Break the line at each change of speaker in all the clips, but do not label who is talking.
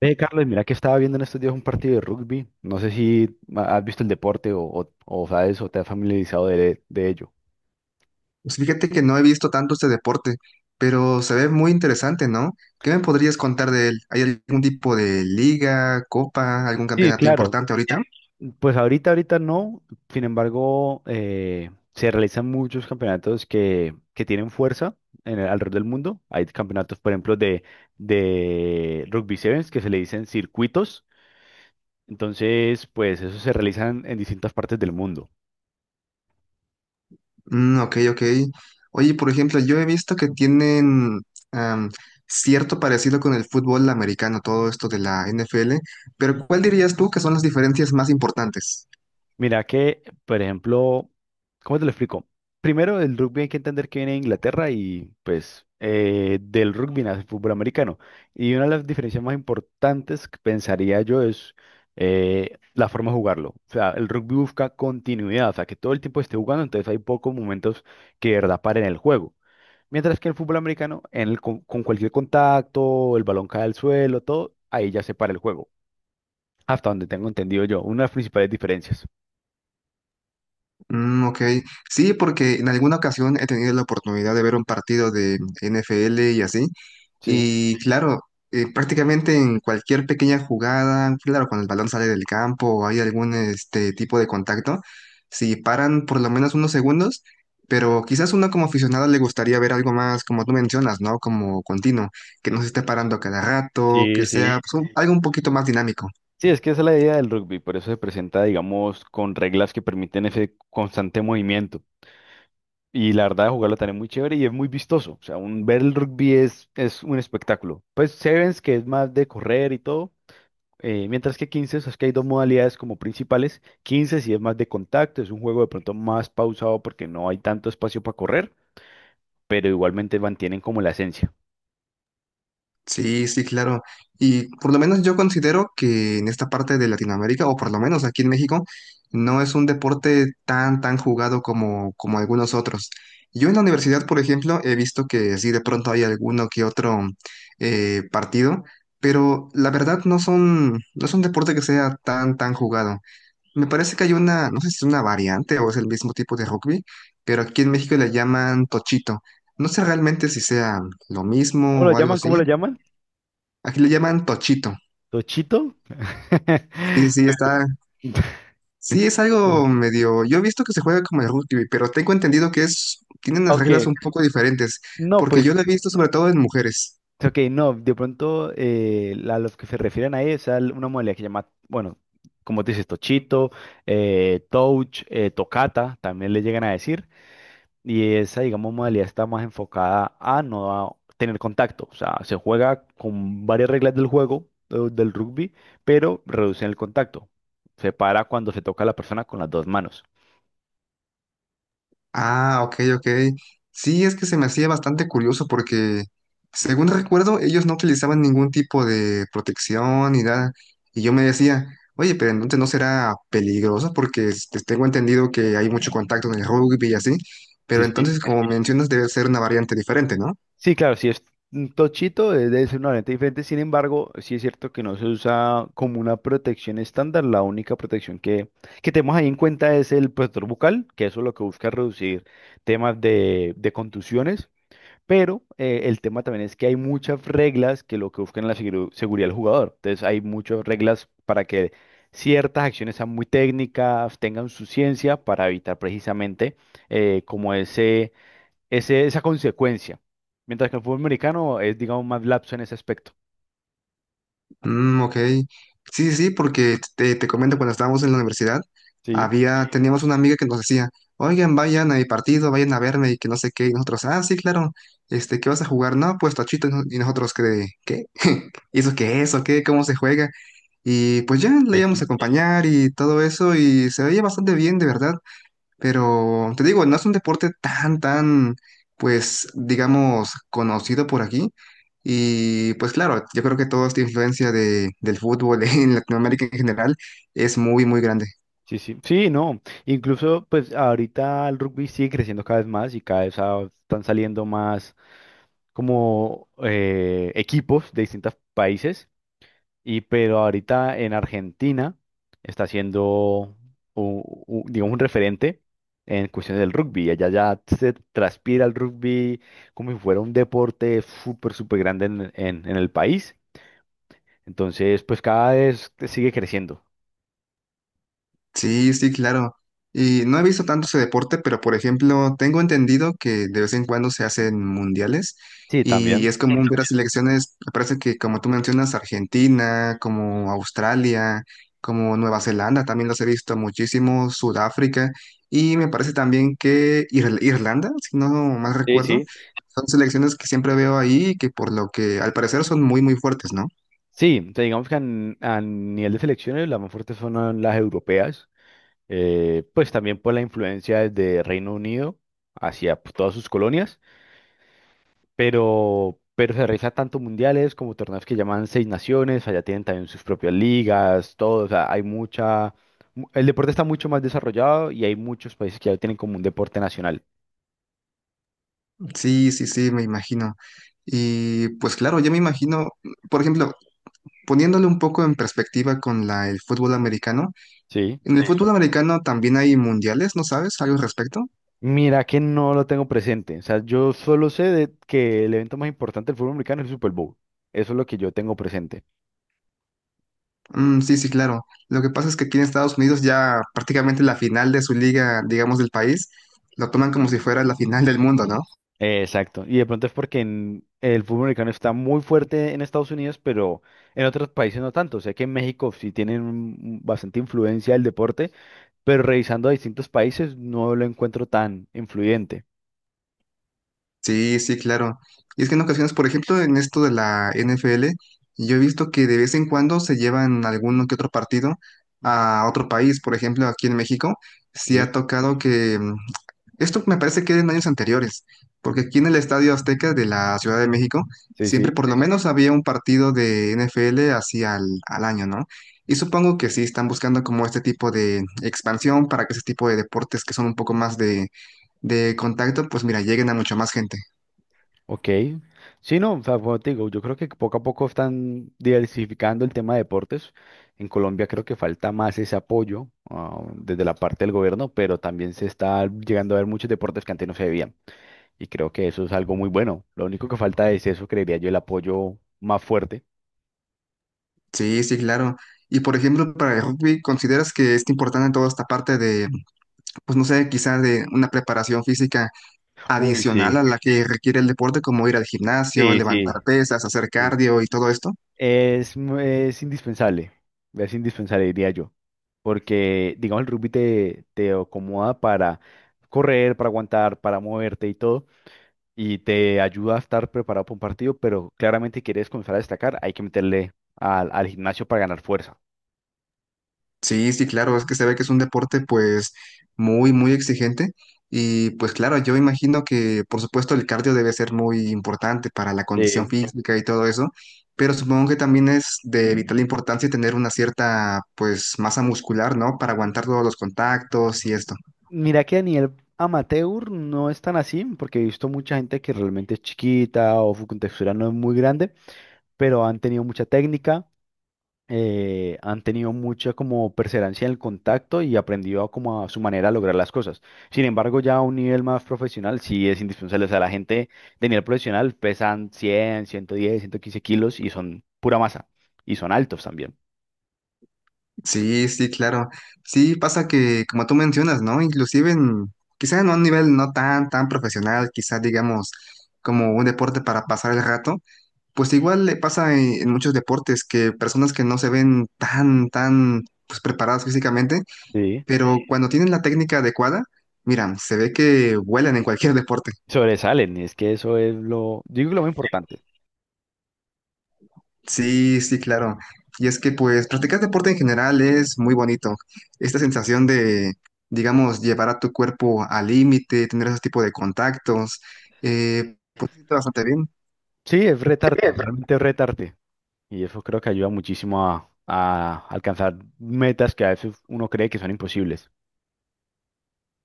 Ve, Carlos, mira que estaba viendo en estos días un partido de rugby. No sé si has visto el deporte o sabes o te has familiarizado de ello.
Pues fíjate que no he visto tanto este deporte, pero se ve muy interesante, ¿no? ¿Qué me podrías contar de él? ¿Hay algún tipo de liga, copa, algún
Sí,
campeonato
claro.
importante ahorita?
Pues ahorita no. Sin embargo, se realizan muchos campeonatos que tienen fuerza en alrededor del mundo. Hay campeonatos, por ejemplo, de rugby sevens que se le dicen circuitos. Entonces, pues esos se realizan en distintas partes del mundo.
Mm, ok, ok. Oye, por ejemplo, yo he visto que tienen am, cierto parecido con el fútbol americano, todo esto de la NFL, pero ¿cuál dirías tú que son las diferencias más importantes?
Mira que, por ejemplo, ¿cómo te lo explico? Primero, el rugby hay que entender que viene de Inglaterra y pues del rugby nace el fútbol americano. Y una de las diferencias más importantes que pensaría yo es la forma de jugarlo. O sea, el rugby busca continuidad, o sea, que todo el tiempo esté jugando, entonces hay pocos momentos que de verdad paren el juego. Mientras que el fútbol americano, en el con cualquier contacto, el balón cae al suelo, todo, ahí ya se para el juego. Hasta donde tengo entendido yo, una de las principales diferencias.
Mm, ok, sí, porque en alguna ocasión he tenido la oportunidad de ver un partido de NFL y así,
Sí.
y claro, prácticamente en cualquier pequeña jugada, claro, cuando el balón sale del campo o hay algún este tipo de contacto, si paran por lo menos unos segundos, pero quizás uno como aficionado le gustaría ver algo más, como tú mencionas, ¿no? Como continuo, que no se esté parando cada rato, que
Sí, sí.
sea pues, algo un poquito más dinámico.
Sí, es que esa es la idea del rugby, por eso se presenta, digamos, con reglas que permiten ese constante movimiento. Y la verdad, jugarlo también es muy chévere y es muy vistoso. O sea, ver el rugby es un espectáculo. Pues Sevens, que es más de correr y todo, mientras que 15, es que hay dos modalidades como principales. 15 sí es más de contacto, es un juego de pronto más pausado porque no hay tanto espacio para correr, pero igualmente mantienen como la esencia.
Sí, sí, claro. Y por lo menos yo considero que en esta parte de Latinoamérica, o por lo menos aquí en México, no es un deporte tan, tan jugado como, como algunos otros. Yo en la universidad, por ejemplo, he visto que sí, de pronto hay alguno que otro partido, pero la verdad no son, no es un deporte que sea tan, tan jugado. Me parece que hay una, no sé si es una variante o es el mismo tipo de rugby, pero aquí en México le llaman tochito. No sé realmente si sea lo
¿Cómo
mismo
lo
o algo
llaman?
así.
¿Cómo lo llaman?
Aquí le llaman tochito.
¿Tochito?
Sí, sí, está. Sí, es algo medio. Yo he visto que se juega como el rugby, pero tengo entendido que es. Tienen las
Ok,
reglas un poco diferentes,
no,
porque
pues,
yo lo he visto sobre todo en mujeres.
ok, no, de pronto a los que se refieren ahí es a una modalidad que llama, bueno, como te dices, Tochito, Touch, Tocata, también le llegan a decir, y esa, digamos, modalidad está más enfocada a no a tener contacto, o sea, se juega con varias reglas del juego, del rugby, pero reducen el contacto, se para cuando se toca a la persona con las dos manos.
Ah, ok, ok. Sí, es que se me hacía bastante curioso porque, según recuerdo, ellos no utilizaban ningún tipo de protección ni nada. Y yo me decía, oye, pero entonces no será peligroso porque este, tengo entendido que hay mucho contacto en el rugby y así.
Sí,
Pero
sí.
entonces, como mencionas, debe ser una variante diferente, ¿no?
Sí, claro, si es un tochito, es debe ser una lente diferente. Sin embargo, sí es cierto que no se usa como una protección estándar. La única protección que tenemos ahí en cuenta es el protector bucal, que eso lo que busca es reducir temas de contusiones. Pero el tema también es que hay muchas reglas que lo que buscan es la seguridad del jugador. Entonces, hay muchas reglas para que ciertas acciones sean muy técnicas, tengan su ciencia para evitar precisamente como esa consecuencia. Mientras que el fútbol americano es, digamos, más lapso en ese aspecto.
Mm, ok. Sí, sí, porque te comento, cuando estábamos en la universidad,
Sí,
había, teníamos una amiga que nos decía, oigan, vayan a mi partido, vayan a verme y que no sé qué, y nosotros, ah, sí, claro, este, ¿qué vas a jugar? No, pues tachito, y no- y nosotros, ¿qué? ¿Qué? ¿Y eso qué es? ¿O qué? ¿Cómo se juega? Y pues ya le
eh,
íbamos a
sí.
acompañar y todo eso, y se veía bastante bien, de verdad. Pero te digo, no es un deporte tan, tan, pues, digamos, conocido por aquí. Y pues claro, yo creo que toda esta influencia de, del fútbol en Latinoamérica en general es muy, muy grande.
Sí, sí. Sí, no. Incluso, pues ahorita el rugby sigue creciendo cada vez más y cada vez están saliendo más como equipos de distintos países. Y pero ahorita en Argentina está siendo, digamos, un referente en cuestiones del rugby. Allá ya se transpira el rugby como si fuera un deporte súper, súper grande en en el país. Entonces, pues cada vez sigue creciendo.
Sí, sí, claro. Y no he visto tanto ese deporte, pero por ejemplo, tengo entendido que de vez en cuando se hacen mundiales
Sí,
y
también.
es común ver a selecciones, me parece que como tú mencionas, Argentina, como Australia, como Nueva Zelanda, también los he visto muchísimo, Sudáfrica y me parece también que Irlanda, si no mal
Sí,
recuerdo,
sí.
son selecciones que siempre veo ahí y que por lo que al parecer son muy, muy fuertes, ¿no?
Sí, o sea, digamos que a nivel de selecciones las más fuertes son las europeas, pues también por la influencia desde Reino Unido hacia pues, todas sus colonias, pero se realiza tanto mundiales como torneos que llaman Seis Naciones, allá tienen también sus propias ligas, todo, o sea, hay mucha... El deporte está mucho más desarrollado y hay muchos países que ya lo tienen como un deporte nacional.
Sí, sí, sí, me imagino. Y pues claro, yo me imagino, por ejemplo, poniéndole un poco en perspectiva con la, el fútbol americano,
Sí.
en el Sí. fútbol americano también hay mundiales, ¿no sabes algo al respecto?
Mira que no lo tengo presente. O sea, yo solo sé de que el evento más importante del fútbol americano es el Super Bowl. Eso es lo que yo tengo presente.
Mm, sí, sí, claro. Lo que pasa es que aquí en Estados Unidos ya prácticamente la final de su liga, digamos, del país, lo toman como si fuera la final del mundo, ¿no?
Exacto. Y de pronto es porque el fútbol americano está muy fuerte en Estados Unidos, pero en otros países no tanto. Sé que en México sí tienen un bastante influencia del deporte, pero revisando a distintos países no lo encuentro tan influyente.
Sí, sí, claro. Y es que en ocasiones, por ejemplo, en esto de la NFL, yo he visto que de vez en cuando se llevan alguno que otro partido
Mm.
a otro país. Por ejemplo, aquí en México, sí ha
Sí,
tocado que... mm, esto me parece que era en años anteriores, porque aquí en el Estadio Azteca de la Ciudad de México,
sí,
siempre
sí.
por lo menos había un partido de NFL así al, al año, ¿no? Y supongo que sí están buscando como este tipo de expansión para que ese tipo de deportes que son un poco más de contacto, pues mira, lleguen a mucho más gente.
Ok. Sí, no, o sea, como te digo, yo creo que poco a poco están diversificando el tema de deportes. En Colombia creo que falta más ese apoyo, desde la parte del gobierno, pero también se está llegando a ver muchos deportes que antes no se veían. Y creo que eso es algo muy bueno. Lo único que falta es eso, creería yo, el apoyo más fuerte.
Sí, sí, claro. Y por ejemplo, para el rugby, ¿consideras que es importante toda esta parte de, pues no sé, quizás de una preparación física
Uy,
adicional
sí,
a la que requiere el deporte, como ir al gimnasio,
sí,
levantar
sí,
pesas, hacer
sí,
cardio y todo esto?
es, es indispensable, diría yo, porque, digamos, el rugby te acomoda para correr, para aguantar, para moverte y todo, y te ayuda a estar preparado para un partido, pero claramente quieres comenzar a destacar, hay que meterle al gimnasio para ganar fuerza.
Sí, sí, claro, es que se ve que es un deporte pues muy, muy exigente y pues claro, yo imagino que por supuesto el cardio debe ser muy importante para la condición
Sí.
física y todo eso, pero supongo que también es de vital importancia tener una cierta pues masa muscular, ¿no? Para aguantar todos los contactos y esto.
Mira que a nivel amateur no es tan así, porque he visto mucha gente que realmente es chiquita o su contextura no es muy grande, pero han tenido mucha técnica han tenido mucha como perseverancia en el contacto y aprendido como a su manera a lograr las cosas. Sin embargo, ya a un nivel más profesional sí es indispensable. O sea, la gente de nivel profesional pesan cien ciento diez ciento quince kilos y son pura masa. Y son altos también.
Sí, sí, claro. Sí, pasa que como tú mencionas, ¿no? Inclusive en, quizá en un nivel no tan, tan profesional, quizá digamos como un deporte para pasar el rato. Pues igual le pasa en muchos deportes que personas que no se ven tan, tan pues, preparadas físicamente,
Sí.
pero cuando tienen la técnica adecuada, mira, se ve que vuelan en cualquier deporte.
Sobresalen. Y es que eso es lo, digo que lo más importante.
Sí, sí, claro. Y es que pues practicar deporte en general es muy bonito. Esta sensación de, digamos, llevar a tu cuerpo al límite, tener ese tipo de contactos, pues se siente bastante bien.
Sí, es retarte, realmente es retarte. Y eso creo que ayuda muchísimo a alcanzar metas que a veces uno cree que son imposibles.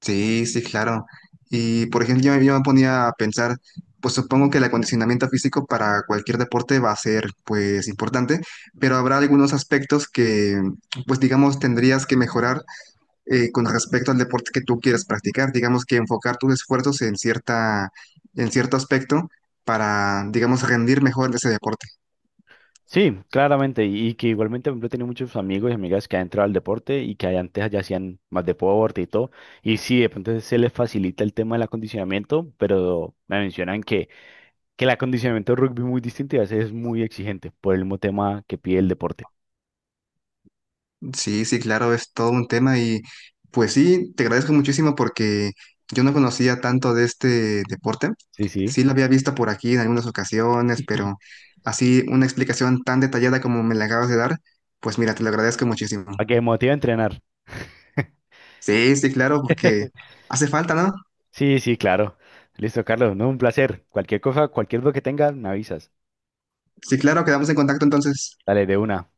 Sí, sí, claro. Y por ejemplo, yo me ponía a pensar, pues supongo que el acondicionamiento físico para cualquier deporte va a ser pues importante, pero habrá algunos aspectos que pues digamos tendrías que mejorar con respecto al deporte que tú quieres practicar, digamos que enfocar tus esfuerzos en cierta, en cierto aspecto para digamos rendir mejor en ese deporte.
Sí, claramente, y que igualmente, por ejemplo, he tenido muchos amigos y amigas que han entrado al deporte y que ahí antes ya hacían más deporte y todo, y sí, de pronto se les facilita el tema del acondicionamiento, pero me mencionan que el acondicionamiento de rugby es muy distinto y a veces es muy exigente por el mismo tema que pide el deporte.
Sí, sí, claro, es todo un tema y pues sí, te agradezco muchísimo porque yo no conocía tanto de este deporte.
Sí, sí,
Sí lo había visto por aquí en algunas ocasiones, pero así una explicación tan detallada como me la acabas de dar, pues mira, te lo agradezco muchísimo.
para que me motive a entrenar.
Sí, sí, claro, porque hace falta, ¿no?
Sí, sí, claro. Listo, Carlos, no, un placer. Cualquier cosa, cualquier duda que tengas, me avisas.
Sí, claro, quedamos en contacto entonces.
Dale, de una.